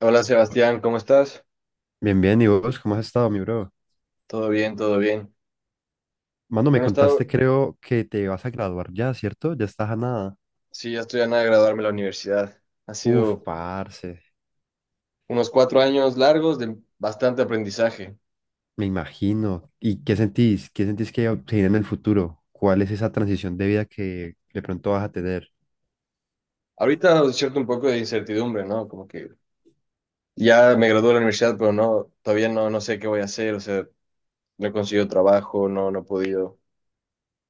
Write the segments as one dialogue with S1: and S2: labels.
S1: Hola Sebastián, ¿cómo estás?
S2: Bien, bien, ¿y vos cómo has estado, mi bro?
S1: Todo bien, todo bien.
S2: Mano, me
S1: Bueno,
S2: contaste,
S1: he
S2: creo que te vas a graduar ya, ¿cierto? Ya estás a nada.
S1: sí, ya estoy a nada de graduarme de la universidad. Ha
S2: Uf,
S1: sido
S2: parce,
S1: unos 4 años largos de bastante aprendizaje.
S2: me imagino. ¿Y qué sentís? ¿Qué sentís que se viene en el futuro? ¿Cuál es esa transición de vida que de pronto vas a tener?
S1: Ahorita cierto un poco de incertidumbre, ¿no? Como que ya me gradué de la universidad, pero no, todavía no, no sé qué voy a hacer, o sea, no he conseguido trabajo, no, no he podido.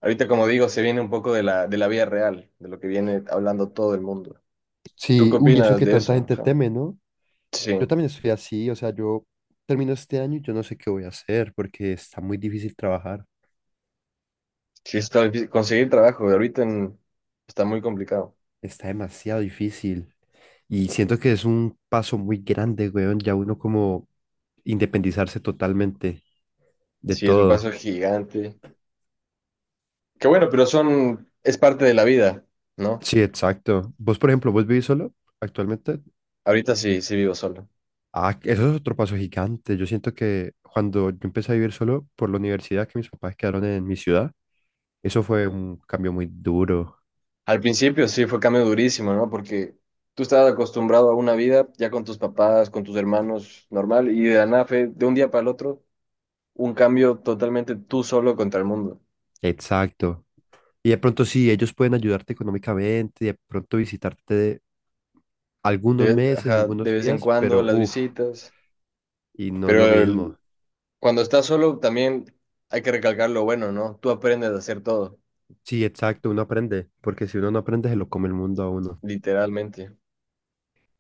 S1: Ahorita, como digo, se viene un poco de la vida real, de lo que viene hablando todo el mundo. ¿Tú
S2: Sí,
S1: qué
S2: uy, eso
S1: opinas
S2: que
S1: de
S2: tanta
S1: eso?
S2: gente
S1: Ajá.
S2: teme, ¿no?
S1: Sí,
S2: Yo también estoy así, o sea, yo termino este año y yo no sé qué voy a hacer porque está muy difícil trabajar.
S1: sí, está difícil conseguir trabajo ahorita está muy complicado.
S2: Está demasiado difícil. Y siento que es un paso muy grande, weón, ya uno como independizarse totalmente de
S1: Sí, es un
S2: todo.
S1: paso gigante. Qué bueno, pero son, es parte de la vida, ¿no?
S2: Sí, exacto. Vos, por ejemplo, vos vivís solo actualmente.
S1: Ahorita sí, sí vivo solo.
S2: Ah, eso es otro paso gigante. Yo siento que cuando yo empecé a vivir solo por la universidad, que mis papás quedaron en mi ciudad, eso fue un cambio muy duro.
S1: Al principio sí fue cambio durísimo, ¿no? Porque tú estabas acostumbrado a una vida ya con tus papás, con tus hermanos, normal, y de la nada fue de un día para el otro un cambio totalmente tú solo contra el mundo.
S2: Exacto. Y de pronto sí, ellos pueden ayudarte económicamente, de pronto visitarte algunos meses,
S1: Ajá, de
S2: algunos
S1: vez en
S2: días,
S1: cuando
S2: pero
S1: las
S2: uff.
S1: visitas,
S2: Y no es
S1: pero
S2: lo mismo.
S1: cuando estás solo también hay que recalcar lo bueno, ¿no? Tú aprendes a hacer todo,
S2: Sí, exacto, uno aprende, porque si uno no aprende, se lo come el mundo a uno.
S1: literalmente.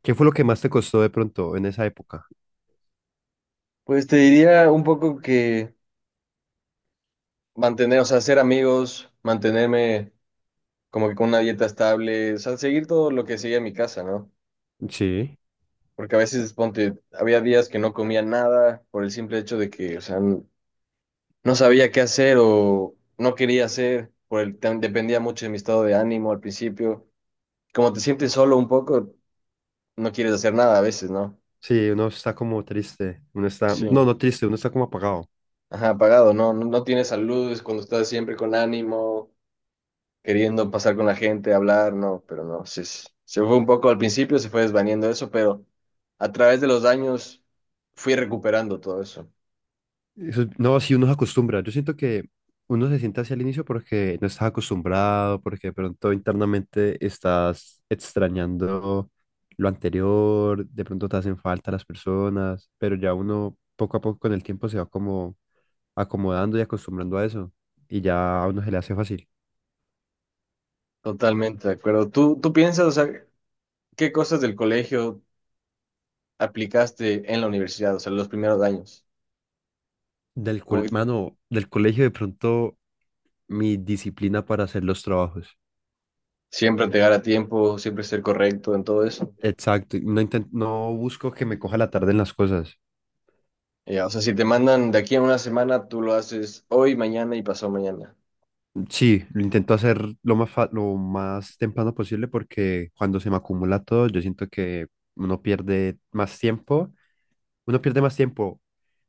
S2: ¿Qué fue lo que más te costó de pronto en esa época?
S1: Pues te diría un poco que... mantener, o sea, ser amigos, mantenerme como que con una dieta estable, o sea, seguir todo lo que seguía en mi casa, ¿no?
S2: Sí.
S1: Porque a veces, ponte, había días que no comía nada por el simple hecho de que, o sea, no sabía qué hacer o no quería hacer, dependía mucho de mi estado de ánimo al principio. Como te sientes solo un poco, no quieres hacer nada a veces, ¿no?
S2: Sí, uno está como triste, uno está,
S1: Sí.
S2: no, no triste, uno está como apagado.
S1: Ajá, apagado, ¿no? No, no tienes salud, es cuando estás siempre con ánimo, queriendo pasar con la gente, hablar, no, pero no, se fue un poco al principio, se fue desvaniendo eso, pero a través de los años fui recuperando todo eso.
S2: Eso- no, si uno se acostumbra. Yo siento que uno se siente hacia el inicio porque no estás acostumbrado, porque de pronto internamente estás extrañando lo anterior, de pronto te hacen falta las personas, pero ya uno poco a poco con el tiempo se va como acomodando y acostumbrando a eso. Y ya a uno se le hace fácil.
S1: Totalmente de acuerdo. ¿Tú piensas, o sea, qué cosas del colegio aplicaste en la universidad, o sea, los primeros años?
S2: Del col-
S1: Como
S2: mano, del colegio de pronto mi disciplina para hacer los trabajos.
S1: siempre llegar a tiempo, siempre ser correcto en todo eso.
S2: Exacto, y no busco que me coja la tarde en las cosas.
S1: Ya, o sea, si te mandan de aquí a una semana, tú lo haces hoy, mañana y pasado mañana.
S2: Sí, lo intento hacer lo más temprano posible porque cuando se me acumula todo, yo siento que uno pierde más tiempo, uno pierde más tiempo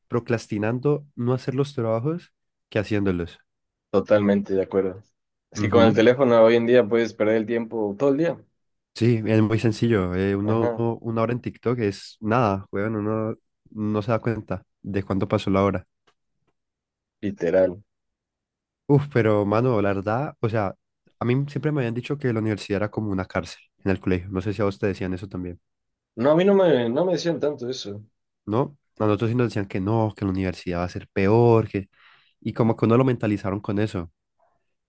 S2: procrastinando no hacer los trabajos que haciéndolos.
S1: Totalmente de acuerdo. Es que con el
S2: Ujú.
S1: teléfono hoy en día puedes perder el tiempo todo el día.
S2: Sí, es muy sencillo.
S1: Ajá.
S2: Una hora en TikTok es nada, weón, uno no se da cuenta de cuánto pasó la hora.
S1: Literal.
S2: Uf, pero mano, la verdad, o sea, a mí siempre me habían dicho que la universidad era como una cárcel en el colegio. No sé si a vos te decían eso también,
S1: No, a mí no me decían tanto eso.
S2: ¿no? A nosotros sí nos decían que no, que la universidad va a ser peor, que... Y como que uno lo mentalizaron con eso.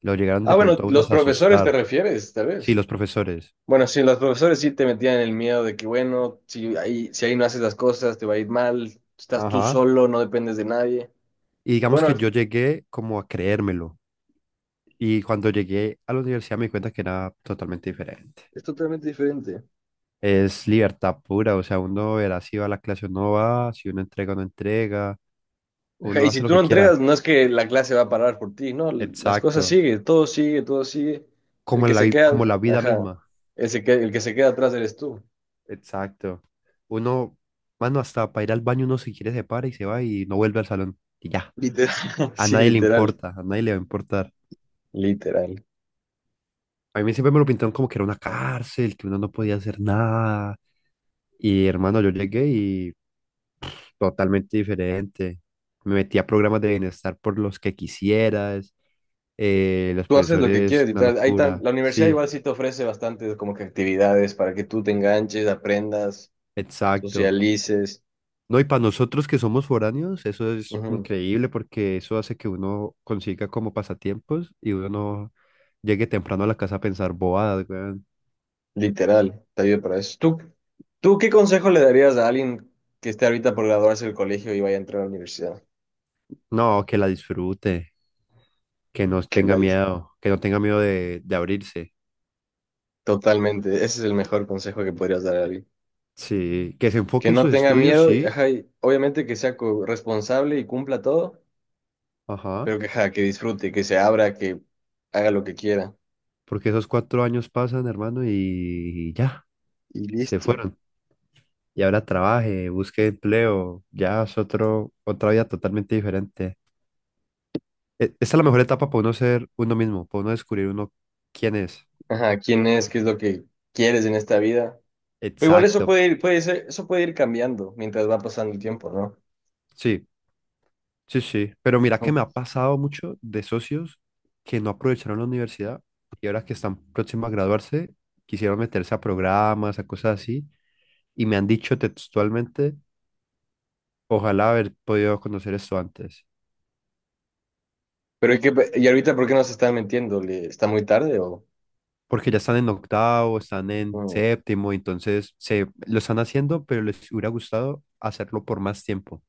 S2: Lo llegaron
S1: Ah,
S2: de
S1: bueno,
S2: pronto a uno
S1: los
S2: a
S1: profesores te
S2: asustar.
S1: refieres, tal
S2: Sí,
S1: vez.
S2: los profesores.
S1: Bueno, sí, los profesores sí te metían el miedo de que, bueno, si ahí no haces las cosas, te va a ir mal, estás tú
S2: Ajá.
S1: solo, no dependes de nadie.
S2: Y
S1: Pero
S2: digamos
S1: bueno,
S2: que
S1: es
S2: yo llegué como a creérmelo. Y cuando llegué a la universidad me di cuenta que era totalmente diferente.
S1: totalmente diferente.
S2: Es libertad pura, o sea, uno verá si va a la clase o no va, si uno entrega o no entrega,
S1: Ajá,
S2: uno
S1: y
S2: hace
S1: si
S2: lo
S1: tú
S2: que
S1: no entregas,
S2: quiera.
S1: no es que la clase va a parar por ti, no, las cosas
S2: Exacto.
S1: siguen, todo sigue, todo sigue. El
S2: Como
S1: que
S2: en la,
S1: se
S2: vi- como
S1: queda,
S2: la vida
S1: ajá,
S2: misma.
S1: el que se queda atrás eres tú.
S2: Exacto. Uno, mano, hasta para ir al baño uno si quiere se para y se va y no vuelve al salón. Y ya.
S1: Literal,
S2: A
S1: sí,
S2: nadie le
S1: literal,
S2: importa, a nadie le va a importar.
S1: literal.
S2: A mí siempre me lo pintaron como que era una cárcel, que uno no podía hacer nada. Y hermano, yo llegué y totalmente diferente. Me metía a programas de bienestar por los que quisieras. Los
S1: Tú haces lo que
S2: profesores,
S1: quieres y
S2: una
S1: tal.
S2: locura.
S1: La universidad
S2: Sí,
S1: igual sí te ofrece bastantes como que actividades para que tú te enganches, aprendas,
S2: exacto.
S1: socialices.
S2: No, y para nosotros que somos foráneos, eso es
S1: Ujú.
S2: increíble porque eso hace que uno consiga como pasatiempos y uno no llegue temprano a la casa a pensar bobadas, weón.
S1: Literal, te ayuda para eso. ¿Tú qué consejo le darías a alguien que esté ahorita por graduarse del colegio y vaya a entrar a la universidad?
S2: No, que la disfrute, que no
S1: Que
S2: tenga
S1: la,
S2: miedo, que no tenga miedo de abrirse.
S1: totalmente, ese es el mejor consejo que podrías dar a alguien.
S2: Sí, que se
S1: Que
S2: enfoque en
S1: no
S2: sus
S1: tenga
S2: estudios,
S1: miedo, y,
S2: sí.
S1: ajá, y obviamente que sea responsable y cumpla todo, pero
S2: Ajá.
S1: que, ajá, que disfrute, que se abra, que haga lo que quiera.
S2: Porque esos 4 años pasan, hermano, y ya,
S1: Y
S2: se
S1: listo.
S2: fueron. Y ahora trabaje, busque empleo, ya es otro, otra vida totalmente diferente. Esta es la mejor etapa para uno ser uno mismo, para uno descubrir uno quién es.
S1: Ajá, quién es, qué es lo que quieres en esta vida. Pero igual eso
S2: Exacto.
S1: puede ir, puede ser, eso puede ir cambiando mientras va pasando el tiempo, ¿no?
S2: Sí, sí, sí. Pero mira que me ha pasado mucho de socios que no aprovecharon la universidad y ahora que están próximos a graduarse, quisieron meterse a programas, a cosas así, y me han dicho textualmente, ojalá haber podido conocer esto antes.
S1: Pero hay que, y ahorita, ¿por qué nos están mintiendo? Está muy tarde o
S2: Porque ya están en octavo, están en
S1: no?
S2: séptimo, entonces se lo están haciendo, pero les hubiera gustado hacerlo por más tiempo.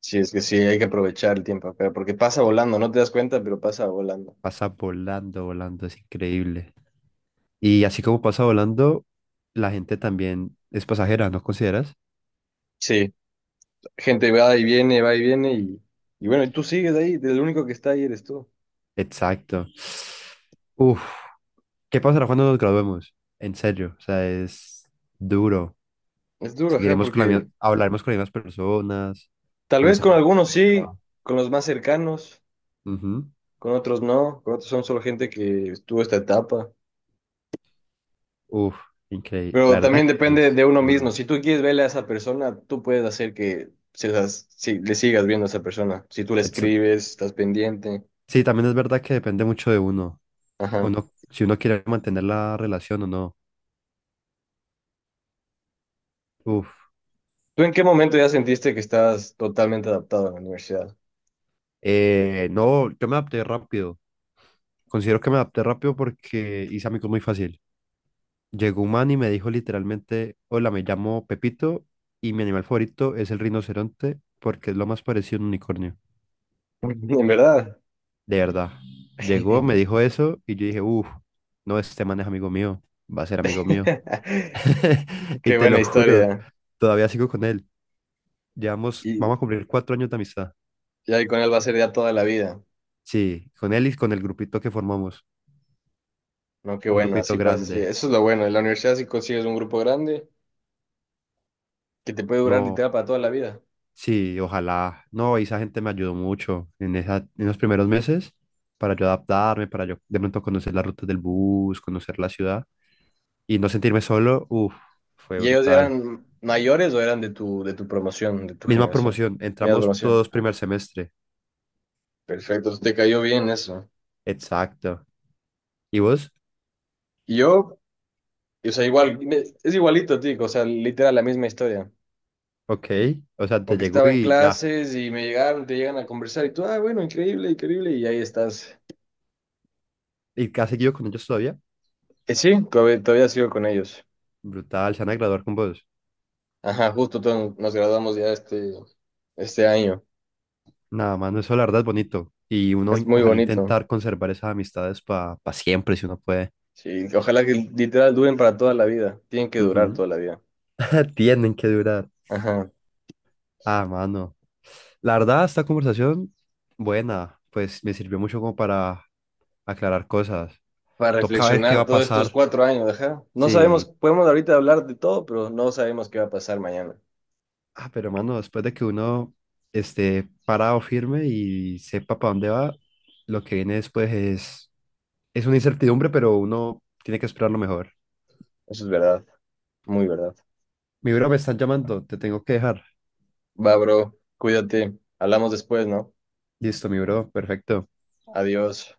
S1: Sí, es que sí, hay que aprovechar el tiempo acá, porque pasa volando, no te das cuenta, pero pasa volando.
S2: Pasa volando, volando, es increíble. Y así como pasa volando, la gente también es pasajera, ¿no consideras?
S1: Sí, gente va y viene, y bueno, y tú sigues ahí, el único que está ahí eres tú.
S2: Exacto. Uf, ¿qué pasará cuando nos graduemos? En serio, o sea, es duro.
S1: Es duro, ajá,
S2: Seguiremos con la
S1: porque
S2: misma, hablaremos con las mismas personas,
S1: tal vez con
S2: conoceremos.
S1: algunos sí, con los más cercanos,
S2: Ujú.
S1: con otros no, con otros son solo gente que estuvo esta etapa.
S2: Uf, increíble.
S1: Pero
S2: La verdad
S1: también depende
S2: es
S1: de uno mismo.
S2: duro.
S1: Si tú quieres verle a esa persona, tú puedes hacer que si le sigas viendo a esa persona. Si tú le escribes, estás pendiente.
S2: Sí, también es verdad que depende mucho de uno.
S1: Ajá.
S2: Uno, si uno quiere mantener la relación o no. Uf.
S1: ¿Tú en qué momento ya sentiste que estás totalmente adaptado a la universidad?
S2: No, yo me adapté rápido. Considero que me adapté rápido porque hice amigos muy fácil. Llegó un man y me dijo literalmente, hola, me llamo Pepito y mi animal favorito es el rinoceronte porque es lo más parecido a un unicornio.
S1: En verdad.
S2: De verdad. Llegó, me dijo eso y yo dije, uff, no, este man es amigo mío, va a ser amigo mío. Y
S1: Qué
S2: te
S1: buena
S2: lo juro,
S1: historia.
S2: todavía sigo con él. Llevamos,
S1: Y
S2: vamos a cumplir 4 años de amistad.
S1: ya con él va a ser ya toda la vida.
S2: Sí, con él y con el grupito que formamos,
S1: No, qué
S2: un
S1: bueno,
S2: grupito
S1: así pasa. Sí.
S2: grande.
S1: Eso es lo bueno. En la universidad si consigues un grupo grande que te puede durar
S2: No,
S1: literal para toda la vida.
S2: sí, ojalá. No, esa gente me ayudó mucho en esa, en los primeros meses para yo adaptarme, para yo de pronto conocer las rutas del bus, conocer la ciudad y no sentirme solo. Uf, fue
S1: ¿Y ellos
S2: brutal.
S1: eran mayores o eran de tu promoción, de tu
S2: Misma
S1: generación?
S2: promoción,
S1: Mira,
S2: entramos
S1: promoción.
S2: todos primer semestre.
S1: Perfecto, te cayó bien eso.
S2: Exacto. ¿Y vos?
S1: Y yo, o sea, igual, es igualito, tico o sea, literal, la misma historia.
S2: Ok, o sea, te
S1: Como que
S2: llegó
S1: estaba en
S2: y ya.
S1: clases y me llegaron, te llegan a conversar y tú, ah, bueno, increíble, increíble, y ahí estás.
S2: ¿Y has seguido con ellos todavía?
S1: Sí, todavía sigo con ellos.
S2: Brutal, se van a graduar con vos.
S1: Ajá, justo todos nos graduamos ya este año.
S2: Nada, mano, eso la verdad es bonito. Y
S1: Es muy
S2: ojalá
S1: bonito.
S2: intentar conservar esas amistades para siempre, si uno puede.
S1: Sí, ojalá que literal duren para toda la vida. Tienen que durar
S2: Ujú.
S1: toda la vida.
S2: Tienen que durar.
S1: Ajá,
S2: Ah, mano. La verdad, esta conversación, buena, pues me sirvió mucho como para aclarar cosas.
S1: para
S2: Toca ver qué va
S1: reflexionar
S2: a
S1: todos estos
S2: pasar.
S1: 4 años, ajá. No sabemos,
S2: Sí.
S1: podemos ahorita hablar de todo, pero no sabemos qué va a pasar mañana.
S2: Ah, pero mano, después de que uno esté parado firme y sepa para dónde va, lo que viene después es una incertidumbre, pero uno tiene que esperar lo mejor.
S1: Eso es verdad, muy verdad.
S2: Mi bro, me están llamando, te tengo que dejar.
S1: Va, bro, cuídate. Hablamos después, ¿no?
S2: Listo, mi bro, perfecto.
S1: Adiós.